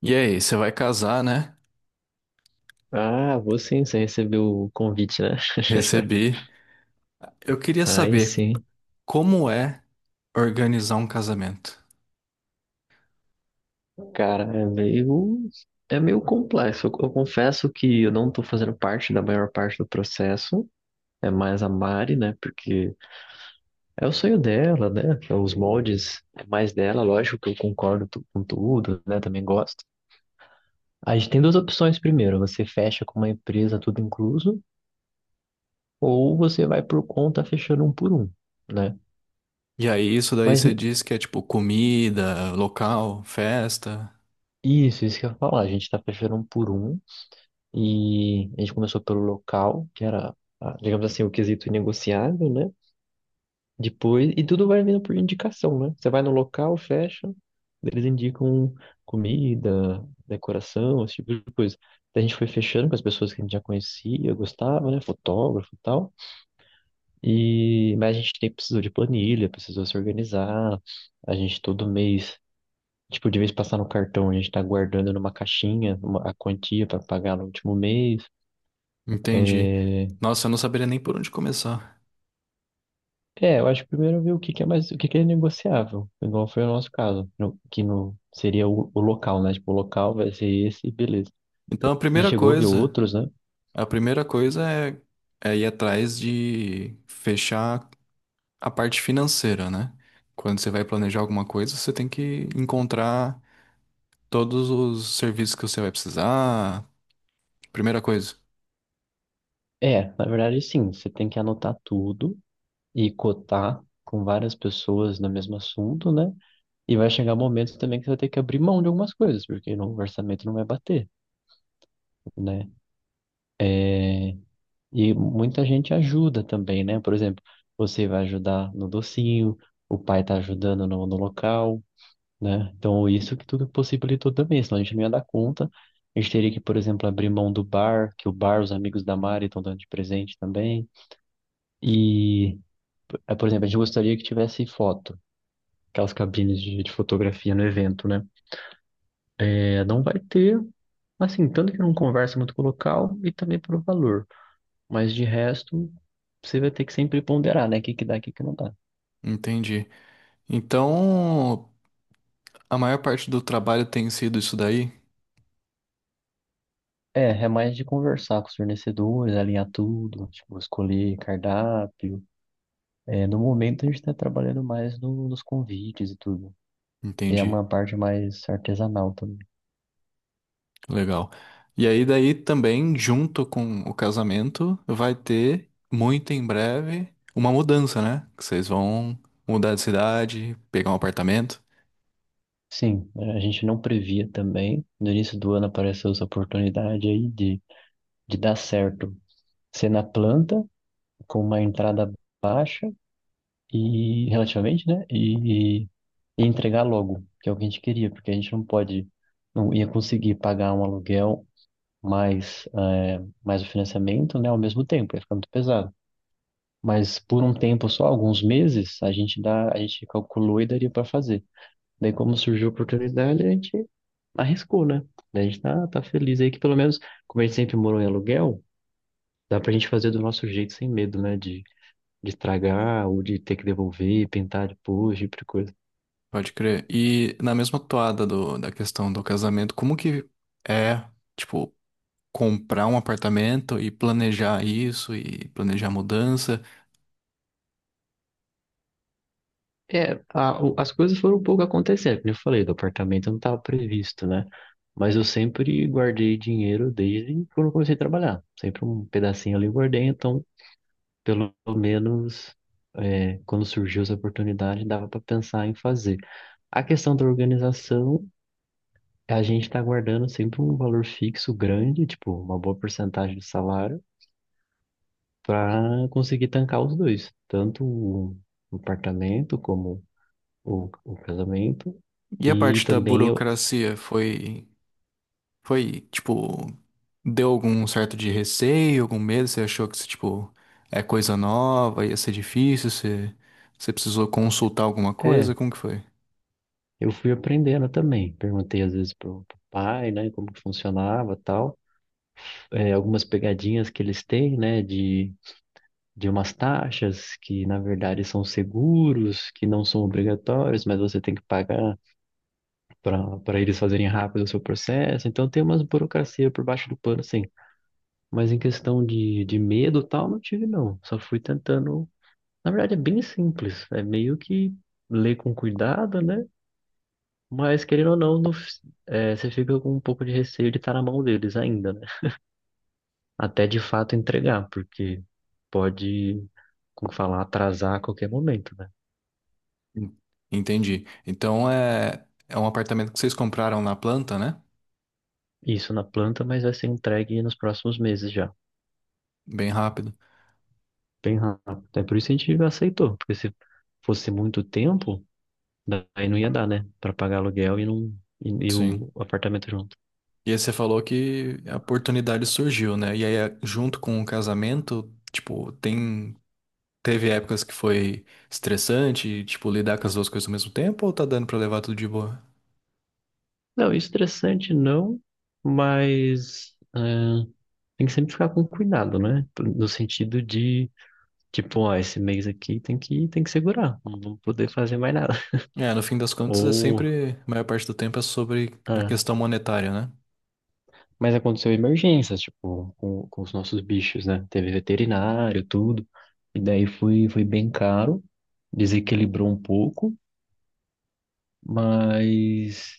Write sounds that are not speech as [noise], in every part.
E aí, você vai casar, né? Ah, vou sim, você recebeu o convite, né? [laughs] Recebi. Eu queria Aí saber sim. como é organizar um casamento. Cara, é meio complexo. Eu confesso que eu não tô fazendo parte da maior parte do processo. É mais a Mari, né? Porque é o sonho dela, né? É. Os moldes é mais dela, lógico que eu com tudo, né? Também gosto. A gente tem duas opções primeiro. Você fecha com uma empresa, tudo incluso, ou você vai por conta fechando um por um, né? E aí, isso daí Mas você diz que é tipo comida, local, festa. isso que eu ia falar. A gente tá fechando um por um. E a gente começou pelo local, que era, ah, digamos assim, o quesito inegociável, né? Depois, e tudo vai vindo por indicação, né? Você vai no local, fecha, eles indicam comida, decoração, esse tipo de coisa. Daí a gente foi fechando com as pessoas que a gente já conhecia, gostava, né? Fotógrafo e tal. E, mas a gente precisou de planilha, precisou se organizar. A gente todo mês, tipo, de vez passar no cartão, a gente tá guardando numa caixinha a quantia para pagar no último mês. Entendi. É. Nossa, eu não saberia nem por onde começar. É, eu acho que primeiro ver o que é mais, o que é negociável, igual foi o nosso caso, no- que no, seria o local, né? Tipo, o local vai ser esse, beleza. Então, E chegou a ver outros, né? a primeira coisa é, é ir atrás de fechar a parte financeira, né? Quando você vai planejar alguma coisa, você tem que encontrar todos os serviços que você vai precisar. Primeira coisa, É, na verdade, sim, você tem que anotar tudo e cotar com várias pessoas no mesmo assunto, né? E vai chegar momentos também que você vai ter que abrir mão de algumas coisas, porque no orçamento não vai bater, né? E muita gente ajuda também, né? Por exemplo, você vai ajudar no docinho, o pai tá ajudando no local. Né? Então, isso que tudo possibilitou também, senão a gente não ia dar conta. A gente teria que, por exemplo, abrir mão do bar, que o bar, os amigos da Mari estão dando de presente também. E, por exemplo, a gente gostaria que tivesse foto, aquelas cabines de fotografia no evento, né? Não vai ter, assim, tanto que não conversa muito com o local e também pelo valor. Mas de resto, você vai ter que sempre ponderar, né? O que dá, o que não dá. entendi. Então, a maior parte do trabalho tem sido isso daí? É, é mais de conversar com os fornecedores, alinhar tudo, tipo, escolher cardápio. É, no momento a gente está trabalhando mais nos convites e tudo, que é Entendi. uma parte mais artesanal também. Legal. E aí, daí também, junto com o casamento, vai ter muito em breve uma mudança, né? Que vocês vão mudar de cidade, pegar um apartamento. Sim, a gente não previa também. No início do ano apareceu essa oportunidade aí de dar certo ser na planta, com uma entrada baixa e relativamente, né? E entregar logo, que é o que a gente queria, porque a gente não ia conseguir pagar um aluguel mais, mais o financiamento, né? Ao mesmo tempo, ia ficar muito pesado. Mas por um tempo só, alguns meses, a gente calculou e daria para fazer. Daí, como surgiu a oportunidade, a gente arriscou, né? Daí a gente tá feliz aí que pelo menos, como a gente sempre morou em aluguel, dá pra gente fazer do nosso jeito sem medo, né? De estragar ou de ter que devolver, pintar depois, tipo de coisa. Pode crer. E na mesma toada da questão do casamento, como que é, tipo, comprar um apartamento e planejar isso e planejar a mudança? É, as coisas foram um pouco acontecendo, como eu falei, do apartamento não estava previsto, né? Mas eu sempre guardei dinheiro desde quando eu comecei a trabalhar. Sempre um pedacinho ali eu guardei, então pelo menos é, quando surgiu essa oportunidade, dava para pensar em fazer. A questão da organização, a gente está guardando sempre um valor fixo grande, tipo, uma boa porcentagem do salário, para conseguir tancar os dois, tanto o apartamento como o casamento. E a E parte da também eu, burocracia tipo, deu algum certo de receio, algum medo? Você achou que, tipo, é coisa nova, ia ser difícil? Você precisou consultar alguma coisa? é, Como que foi? eu fui aprendendo também. Perguntei às vezes pro pai, né, como que funcionava, tal. É, algumas pegadinhas que eles têm, né, de umas taxas que, na verdade, são seguros, que não são obrigatórios, mas você tem que pagar para eles fazerem rápido o seu processo. Então, tem umas burocracia por baixo do pano, sim. Mas em questão de medo e tal, não tive, não. Só fui tentando. Na verdade, é bem simples. É meio que ler com cuidado, né? Mas, querendo ou não, é, você fica com um pouco de receio de estar na mão deles ainda, né? Até de fato entregar, porque pode, como falar, atrasar a qualquer momento. Né? En- Entendi. Então é, é um apartamento que vocês compraram na planta, né? Isso na planta, mas vai ser entregue nos próximos meses já. Bem rápido. Bem rápido. É por isso que a gente aceitou, porque se fosse muito tempo, daí não ia dar, né? Para pagar aluguel e, não, e Sim. o apartamento junto. E aí você falou que a oportunidade surgiu, né? E aí, junto com o casamento, tipo, tem, teve épocas que foi estressante, tipo, lidar com as duas coisas ao mesmo tempo, ou tá dando pra levar tudo de boa? Não, estressante não, mas é, tem que sempre ficar com cuidado, né? No sentido de, tipo, ó, esse mês aqui tem que segurar, não vamos poder fazer mais nada. É, no fim das [laughs] contas, é Ou. sempre, a maior parte do tempo é sobre a questão ah, monetária, né? Mas aconteceu emergências, tipo, com os nossos bichos, né? Teve veterinário, tudo. E daí foi, foi bem caro, desequilibrou um pouco, mas,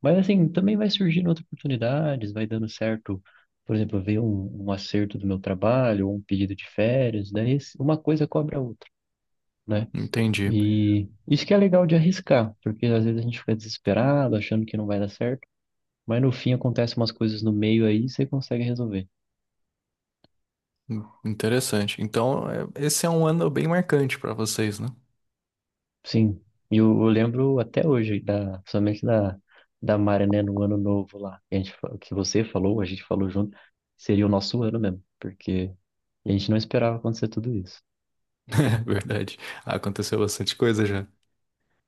mas assim, também vai surgindo outras oportunidades, vai dando certo. Por exemplo, veio um, um acerto do meu trabalho, ou um pedido de férias, uma coisa cobra a outra, né? Entendi. E isso que é legal de arriscar, porque às vezes a gente fica desesperado, achando que não vai dar certo, mas no fim acontecem umas coisas no meio aí e você consegue resolver. Interessante. Então, esse é um ano bem marcante pra vocês, né? Sim, e eu lembro até hoje, principalmente da Mari, né, no ano novo lá, que, que você falou, a gente falou junto, seria o nosso ano mesmo, porque a gente não esperava acontecer tudo isso. [laughs] Verdade. Aconteceu bastante coisa já.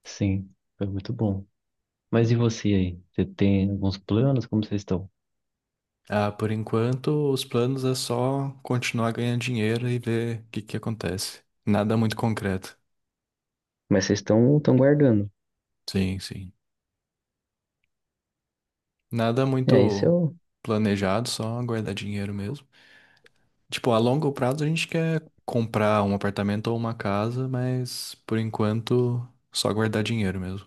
Sim, foi muito bom. Mas e você aí? Você tem alguns planos? Como vocês estão? Ah, por enquanto, os planos é só continuar ganhando dinheiro e ver o que que acontece. Nada muito concreto. Mas vocês estão guardando. Sim, sim. Nada É, isso é muito o. planejado, só guardar dinheiro mesmo. Tipo, a longo prazo a gente quer comprar um apartamento ou uma casa, mas por enquanto só guardar dinheiro mesmo.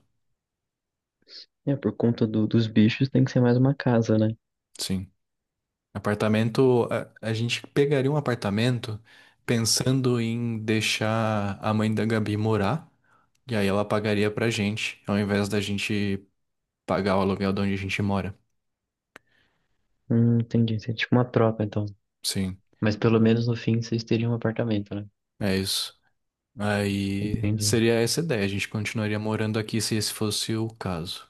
É, por conta dos bichos tem que ser mais uma casa, né? Sim. Apartamento, a gente pegaria um apartamento pensando em deixar a mãe da Gabi morar. E aí ela pagaria pra gente, ao invés da gente pagar o aluguel de onde a gente mora. Entendi. Isso é tipo uma troca, então. Sim, Mas pelo menos no fim vocês teriam um apartamento, né? é isso. Aí Entendi. seria essa a ideia, a gente continuaria morando aqui se esse fosse o caso.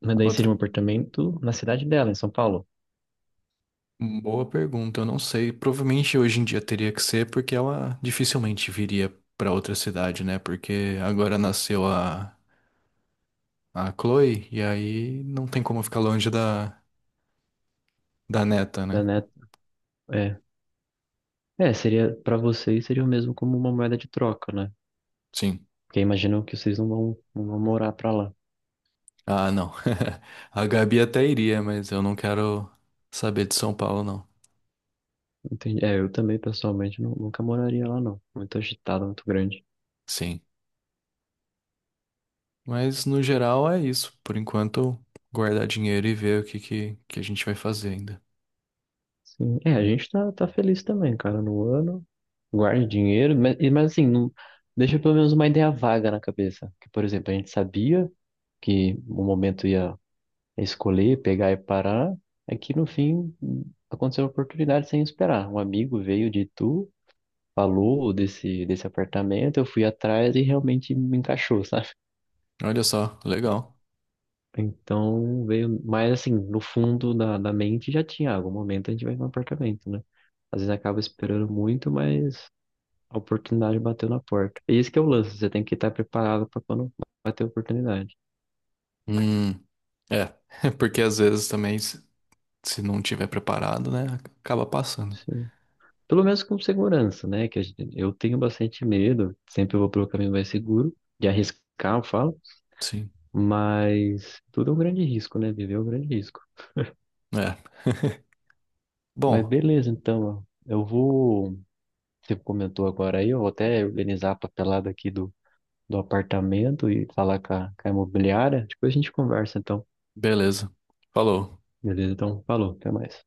Mas daí seria Outra um apartamento na cidade dela, em São Paulo. boa pergunta, eu não sei. Provavelmente hoje em dia teria que ser porque ela dificilmente viria pra outra cidade, né? Porque agora nasceu a Chloe e aí não tem como ficar longe da neta, Da né? Net... É, é, seria para vocês seria o mesmo como uma moeda de troca, né? Sim. Porque imaginam que vocês não vão morar pra lá. Ah, não. [laughs] A Gabi até iria, mas eu não quero saber de São Paulo, não. Entendi. É, eu também nunca moraria lá, não. Muito agitado, muito grande. Sim. Mas no geral é isso. Por enquanto, guardar dinheiro e ver o que a gente vai fazer ainda. Sim. É, a gente tá feliz também, cara, no ano. Guarde dinheiro, mas assim, não, deixa pelo menos uma ideia vaga na cabeça. Que, por exemplo, a gente sabia que o momento ia escolher, pegar e parar, é que no fim aconteceu uma oportunidade sem esperar. Um amigo veio de Itu, falou desse apartamento, eu fui atrás e realmente me encaixou, [laughs] sabe? Olha só, legal. Então veio, mas assim, no fundo da mente já tinha, ah, algum momento a gente vai no apartamento, né? Às vezes acaba esperando muito, mas a oportunidade bateu na porta. E esse que é o lance, você tem que estar preparado para quando bater a oportunidade. Hum, é. [laughs] Porque às vezes também, se não tiver preparado, né, acaba passando. Sim. Pelo menos com segurança, né? Que eu tenho bastante medo, sempre eu vou pelo caminho mais seguro, de arriscar, eu falo, Sim, mas tudo é um grande risco, né? Viver é um grande risco. é. [laughs] Mas Bom, beleza, então, ó, eu vou. Você comentou agora aí, eu vou até organizar a papelada aqui do apartamento e falar com a imobiliária. Depois a gente conversa, então. beleza. Falou. Beleza, então, falou, até mais.